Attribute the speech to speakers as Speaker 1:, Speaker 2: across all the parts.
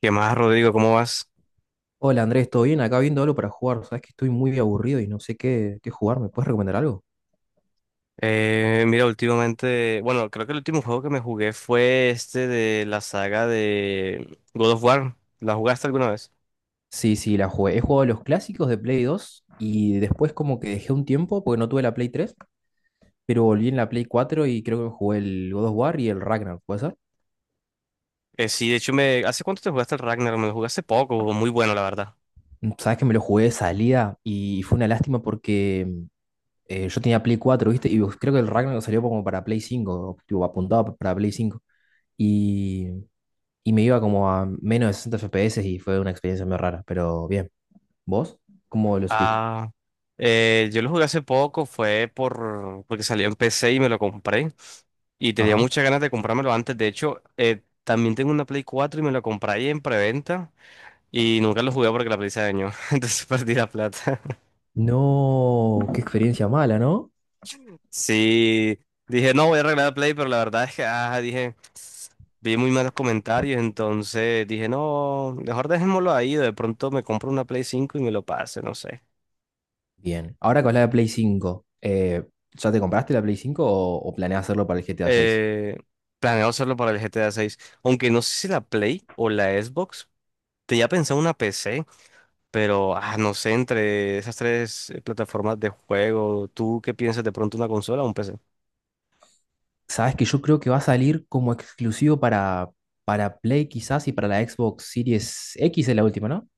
Speaker 1: ¿Qué más, Rodrigo? ¿Cómo vas?
Speaker 2: Hola Andrés, ¿todo bien? Acá viendo algo para jugar. Sabes que estoy muy aburrido y no sé qué jugar. ¿Me puedes recomendar algo?
Speaker 1: Mira, últimamente, bueno, creo que el último juego que me jugué fue este de la saga de God of War. ¿La jugaste alguna vez?
Speaker 2: Sí, sí, la jugué. He jugado los clásicos de Play 2 y después como que dejé un tiempo porque no tuve la Play 3, pero volví en la Play 4 y creo que me jugué el God of War y el Ragnar, ¿puede ser?
Speaker 1: Sí, de hecho, me... ¿hace cuánto te jugaste el Ragnar? Me lo jugué hace poco, muy bueno, la verdad.
Speaker 2: Sabes que me lo jugué de salida y fue una lástima porque yo tenía Play 4, ¿viste? Y creo que el Ragnar salió como para Play 5, tipo, apuntado para Play 5. Y, y me iba como a menos de 60 FPS y fue una experiencia muy rara, pero bien. ¿Vos? ¿Cómo lo sentiste?
Speaker 1: Ah, yo lo jugué hace poco, fue por... porque salió en PC y me lo compré. Y tenía
Speaker 2: Ajá.
Speaker 1: muchas ganas de comprármelo antes. De hecho, también tengo una Play 4 y me la compré ahí en preventa. Y nunca lo jugué porque la Play se dañó. Entonces perdí la plata.
Speaker 2: No, qué experiencia mala, ¿no?
Speaker 1: Sí, dije, no, voy a arreglar el Play, pero la verdad es que, dije, vi muy malos comentarios, entonces dije, no, mejor dejémoslo ahí, de pronto me compro una Play 5 y me lo pase, no sé.
Speaker 2: Bien. Ahora con la de Play 5, ¿ya te compraste la Play 5 o planeas hacerlo para el GTA 6?
Speaker 1: Eh, Planeo hacerlo para el GTA 6, aunque no sé si la Play o la Xbox, tenía pensado una PC, pero, no sé, entre esas tres plataformas de juego, ¿tú qué piensas de pronto una consola o un PC?
Speaker 2: Sabes que yo creo que va a salir como exclusivo para Play quizás, y para la Xbox Series X es la última, ¿no?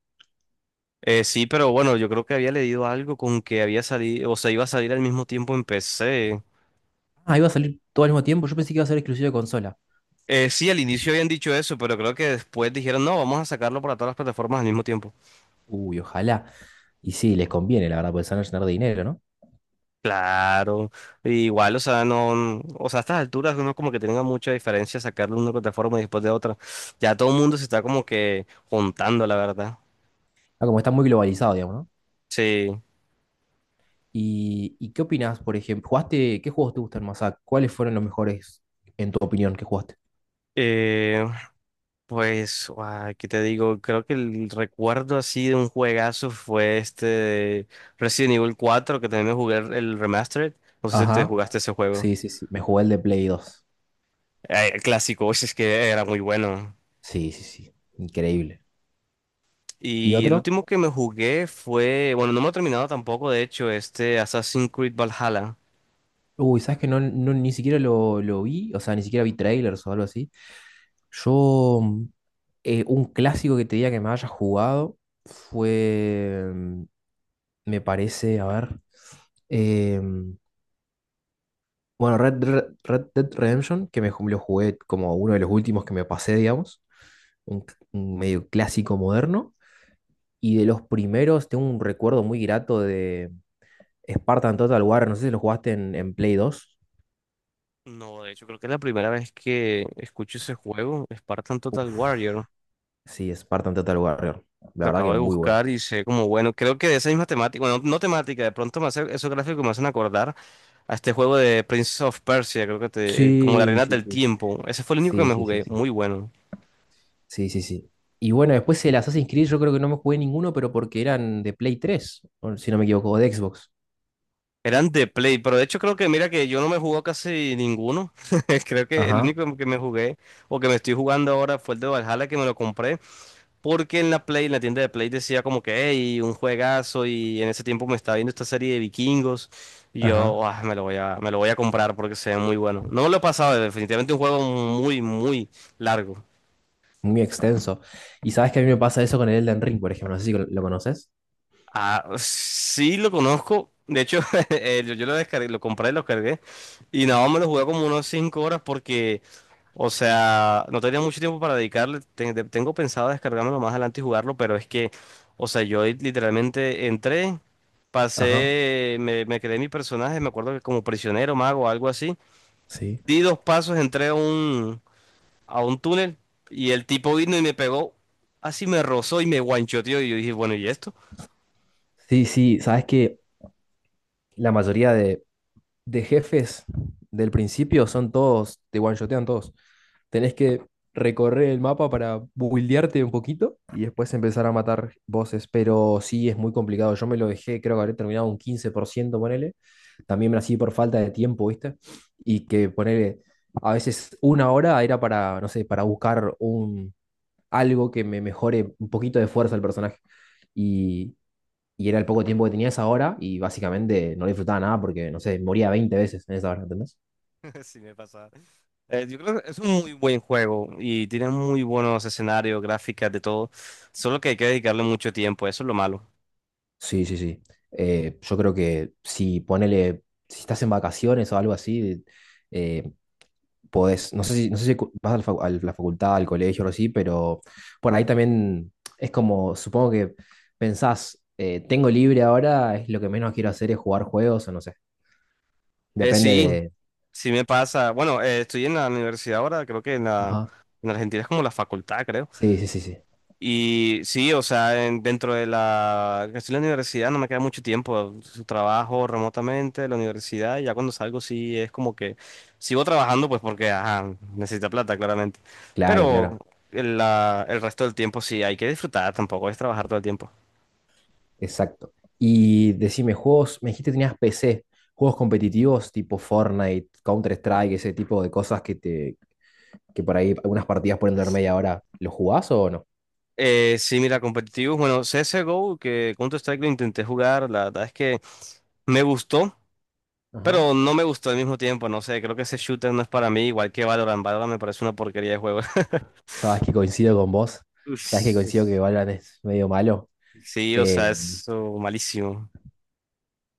Speaker 1: Sí, pero bueno, yo creo que había leído algo con que había salido, o sea, iba a salir al mismo tiempo en PC.
Speaker 2: Ah, iba a salir todo al mismo tiempo. Yo pensé que iba a ser exclusivo de consola.
Speaker 1: Sí, al inicio habían dicho eso, pero creo que después dijeron, no, vamos a sacarlo para todas las plataformas al mismo tiempo.
Speaker 2: Uy, ojalá. Y sí, les conviene, la verdad, porque se van a llenar de dinero, ¿no?
Speaker 1: Claro, igual, o sea, no, o sea, a estas alturas uno como que tenga mucha diferencia sacarlo de una plataforma y después de otra. Ya todo el mundo se está como que juntando, la verdad.
Speaker 2: Ah, como está muy globalizado, digamos, ¿no?
Speaker 1: Sí.
Speaker 2: ¿Y qué opinás, por ejemplo? ¿Jugaste? ¿Qué juegos te gustan más? Ah, ¿cuáles fueron los mejores, en tu opinión, que jugaste?
Speaker 1: Eh, ¿Qué te digo? Creo que el recuerdo así de un juegazo fue este de Resident Evil 4, que también me jugué el remastered. No sé si te
Speaker 2: Ajá.
Speaker 1: jugaste ese juego.
Speaker 2: Sí, sí, sí. Me jugué el de Play 2.
Speaker 1: El clásico, uy, es que era muy bueno.
Speaker 2: Sí, sí, sí. Increíble. ¿Y
Speaker 1: Y el
Speaker 2: otro?
Speaker 1: último que me jugué fue, bueno, no me lo he terminado tampoco, de hecho, este Assassin's Creed Valhalla.
Speaker 2: Uy, ¿sabes que ni siquiera lo vi? O sea, ni siquiera vi trailers o algo así. Yo, mm, un clásico que te diga que me haya jugado fue, me parece, a ver, em, bueno, Red Dead Redemption, que lo jugué como uno de los últimos que me pasé, digamos, un medio clásico moderno. Y de los primeros, tengo un recuerdo muy grato de Spartan Total Warrior. No sé si lo jugaste en Play 2.
Speaker 1: No, de hecho, creo que es la primera vez que escucho ese juego, Spartan Total
Speaker 2: Uf,
Speaker 1: Warrior.
Speaker 2: sí, Spartan Total Warrior. La
Speaker 1: Lo
Speaker 2: verdad
Speaker 1: acabo
Speaker 2: que
Speaker 1: de
Speaker 2: muy bueno.
Speaker 1: buscar y sé como, bueno, creo que de esa misma temática, bueno, no temática, de pronto me hace, esos gráficos me hacen acordar a este juego de Prince of Persia, creo que te, como la
Speaker 2: Sí,
Speaker 1: Arena
Speaker 2: sí,
Speaker 1: del
Speaker 2: sí.
Speaker 1: Tiempo. Ese fue el único que
Speaker 2: Sí,
Speaker 1: me
Speaker 2: sí, sí,
Speaker 1: jugué,
Speaker 2: sí.
Speaker 1: muy bueno.
Speaker 2: Sí, sí, sí. Y bueno, después el Assassin's Creed yo creo que no me jugué ninguno, pero porque eran de Play 3, o si no me equivoco, o de Xbox.
Speaker 1: Eran de Play, pero de hecho creo que mira que yo no me jugó casi ninguno. Creo que el
Speaker 2: Ajá,
Speaker 1: único que me jugué o que me estoy jugando ahora fue el de Valhalla que me lo compré porque en la Play, en la tienda de Play decía como que, hey, un juegazo y en ese tiempo me estaba viendo esta serie de vikingos y
Speaker 2: ajá.
Speaker 1: yo, "Ah, me lo voy a, me lo voy a comprar porque se ve muy bueno. No me lo he pasado, definitivamente un juego muy, muy largo.
Speaker 2: Muy extenso. Y sabes que a mí me pasa eso con el Elden Ring, por ejemplo. No sé si lo conoces.
Speaker 1: Ah, sí lo conozco. De hecho, yo lo descargué, lo compré lo cargué. Y nada, más me lo jugué como unos 5 horas porque o sea, no tenía mucho tiempo para dedicarle. Tengo pensado descargármelo más adelante y jugarlo, pero es que, o sea, yo ahí literalmente entré,
Speaker 2: Ajá,
Speaker 1: pasé, me creé mi personaje, me acuerdo que como prisionero, mago, algo así.
Speaker 2: sí.
Speaker 1: Di dos pasos, a un túnel y el tipo vino y me pegó, así me rozó y me guanchoteó. Y yo dije, bueno, ¿y esto?
Speaker 2: Sí, sí, sabes que la mayoría de jefes del principio son todos, te one-shotean todos. Tenés que recorrer el mapa para buildearte un poquito y después empezar a matar bosses, pero sí es muy complicado. Yo me lo dejé, creo que habré terminado un 15%, ponele. También me así por falta de tiempo, ¿viste? Y que ponele, a veces una hora era para, no sé, para buscar algo que me mejore un poquito de fuerza al personaje. Y, y era el poco tiempo que tenía esa hora y básicamente no le disfrutaba nada porque, no sé, moría 20 veces en esa hora, ¿entendés?
Speaker 1: Sí me pasa. Yo creo que es un muy buen juego y tiene muy buenos escenarios, gráficas, de todo. Solo que hay que dedicarle mucho tiempo, eso es lo malo.
Speaker 2: Sí, sí, sí. Yo creo que si ponele, si estás en vacaciones o algo así, eh, podés, no sé si vas a la, a la facultad, al colegio o así, pero por ahí también es como, supongo que pensás, tengo libre ahora, es lo que menos quiero hacer es jugar juegos o no sé. Depende
Speaker 1: Sí.
Speaker 2: de...
Speaker 1: Sí me pasa, bueno, estoy en la universidad ahora, creo que en la,
Speaker 2: Ajá.
Speaker 1: en Argentina es como la facultad, creo.
Speaker 2: Sí, sí, sí, sí.
Speaker 1: Y sí, o sea, en- dentro de la, que estoy en la universidad no me queda mucho tiempo, su trabajo remotamente, la universidad, y ya cuando salgo sí es como que sigo trabajando pues porque, ajá, necesita plata claramente.
Speaker 2: Claro,
Speaker 1: Pero
Speaker 2: claro,
Speaker 1: el resto del tiempo sí hay que disfrutar, tampoco es trabajar todo el tiempo.
Speaker 2: exacto. Y decime, juegos, me dijiste que tenías PC, juegos competitivos tipo Fortnite, Counter-Strike, ese tipo de cosas que por ahí algunas partidas pueden durar media hora, ¿los jugás o no?
Speaker 1: Sí, mira, competitivos, bueno, CSGO, que Counter-Strike lo intenté jugar, la verdad es que... Me gustó,
Speaker 2: Ajá.
Speaker 1: pero no me gustó al mismo tiempo, no sé, creo que ese shooter no es para mí, igual que Valorant. Valorant me parece una porquería de juego.
Speaker 2: Sabes que coincido con vos, sabes que coincido que
Speaker 1: Uf,
Speaker 2: Valorant es medio malo.
Speaker 1: sí, o
Speaker 2: Eh,
Speaker 1: sea, es oh, malísimo.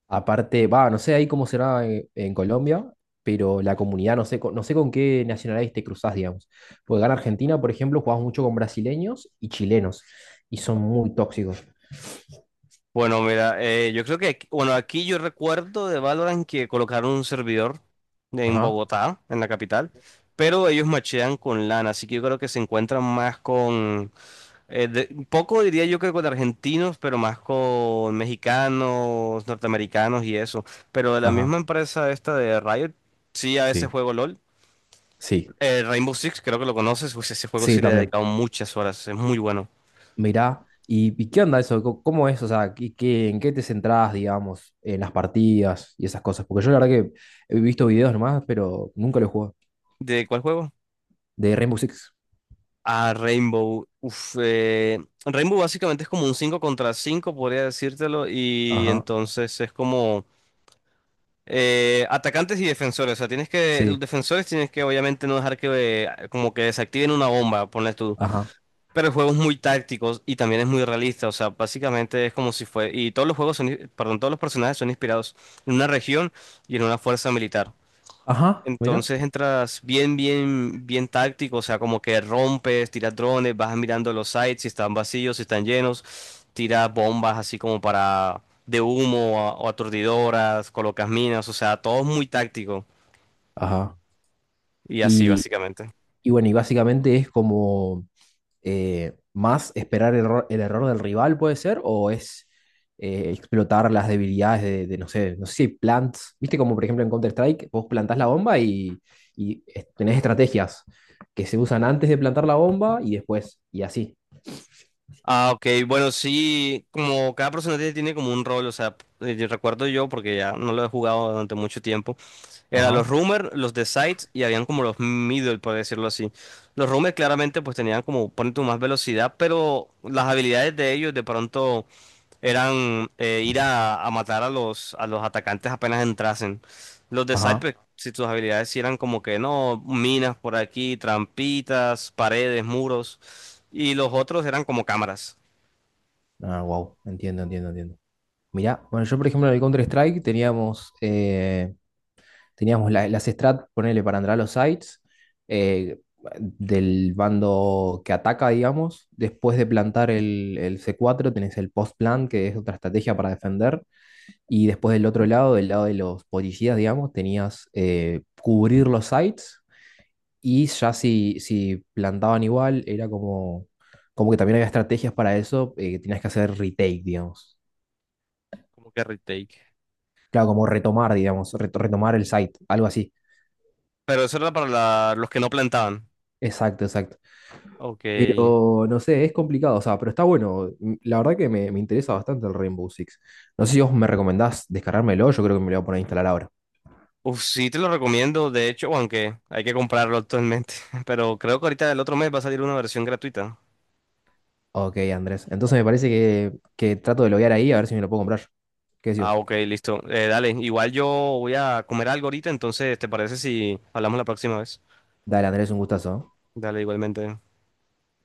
Speaker 2: Aparte, va, no sé ahí cómo será en Colombia, pero la comunidad, no sé, no sé con qué nacionalidades te cruzás, digamos. Porque acá en Argentina, por ejemplo, jugás mucho con brasileños y chilenos, y son muy tóxicos.
Speaker 1: Bueno, mira, yo creo que, aquí- bueno, aquí yo recuerdo de Valorant que colocaron un servidor en
Speaker 2: Ajá.
Speaker 1: Bogotá, en la capital, pero ellos machean con LAN, así que yo creo que se encuentran más con, un poco diría yo que con argentinos, pero más con mexicanos, norteamericanos y eso. Pero de la misma
Speaker 2: Ajá,
Speaker 1: empresa esta de Riot, sí, a veces
Speaker 2: sí,
Speaker 1: juego LOL.
Speaker 2: sí.
Speaker 1: Rainbow 6, creo que lo conoces, pues ese juego
Speaker 2: Sí,
Speaker 1: sí le he
Speaker 2: también.
Speaker 1: dedicado muchas horas, es muy bueno.
Speaker 2: Mirá, ¿y qué onda eso? ¿Cómo es? O sea, en qué te centrás, digamos, en las partidas y esas cosas? Porque yo la verdad que he visto videos nomás, pero nunca lo he jugado.
Speaker 1: ¿De cuál juego?
Speaker 2: De Rainbow Six.
Speaker 1: Ah, Rainbow. Rainbow básicamente es como un 5 contra 5 podría decírtelo, y
Speaker 2: Ajá.
Speaker 1: entonces es como atacantes y defensores. O sea, tienes que, los
Speaker 2: Sí.
Speaker 1: defensores tienes que obviamente no dejar que como que desactiven una bomba, ponle tú.
Speaker 2: Ajá.
Speaker 1: Pero el juego es muy táctico y también es muy realista, o sea, básicamente es como si fue, y todos los juegos son, perdón, todos los personajes son inspirados en una región y en una fuerza militar.
Speaker 2: Ajá. Mira.
Speaker 1: Entonces entras bien, bien, bien táctico, o sea, como que rompes, tiras drones, vas mirando los sites, si están vacíos, si están llenos, tiras bombas así como para de humo o aturdidoras, colocas minas, o sea, todo es muy táctico
Speaker 2: Ajá.
Speaker 1: y así
Speaker 2: Y,
Speaker 1: básicamente.
Speaker 2: y bueno, y básicamente es como, más esperar el error del rival, puede ser, o es explotar las debilidades de no sé si hay plants, viste como por ejemplo en Counter-Strike, vos plantás la bomba y tenés estrategias que se usan antes de plantar la bomba y después, y así.
Speaker 1: Ah, ok, bueno, sí, como cada personaje tiene como un rol, o sea, yo recuerdo yo, porque ya no lo he jugado durante mucho tiempo, eran
Speaker 2: Ajá,
Speaker 1: los Rumors, los de Sides y habían como los Middle, por decirlo así. Los Rumors claramente pues tenían como, ponen tu más velocidad, pero las habilidades de ellos de pronto eran a matar a los atacantes apenas entrasen. Los de Side,
Speaker 2: ajá.
Speaker 1: pues, si tus habilidades sí eran como que no, minas por aquí, trampitas, paredes, muros, y los otros eran como cámaras.
Speaker 2: Ah, wow, entiendo, entiendo, entiendo. Mirá, bueno, yo por ejemplo en el Counter-Strike teníamos las strat, ponele para entrar a los sites, eh, del bando que ataca, digamos. Después de plantar el C4 tenés el post-plant, que es otra estrategia para defender. Y después del otro lado, del lado de los policías, digamos, tenías cubrir los sites. Y ya si plantaban igual, era como que también había estrategias para eso, que tenías que hacer retake, digamos.
Speaker 1: Como que retake.
Speaker 2: Claro, como retomar, digamos, retomar el site, algo así.
Speaker 1: Pero eso era para los que no plantaban.
Speaker 2: Exacto, exacto.
Speaker 1: Ok.
Speaker 2: Pero no sé, es complicado, o sea, pero está bueno. La verdad que me interesa bastante el Rainbow Six. No sé si vos me recomendás descargármelo, yo creo que me lo voy a poner a instalar ahora.
Speaker 1: Uf, sí te lo recomiendo, de hecho, aunque hay que comprarlo actualmente. Pero creo que ahorita el otro mes va a salir una versión gratuita.
Speaker 2: Ok, Andrés. Entonces me parece que trato de loguear ahí a ver si me lo puedo comprar. ¿Qué decís
Speaker 1: Ah,
Speaker 2: vos?
Speaker 1: ok, listo. Dale, igual yo voy a comer algo ahorita, entonces, ¿te parece si hablamos la próxima vez?
Speaker 2: Dale, Andrés, un gustazo. ¿Eh?
Speaker 1: Dale, igualmente.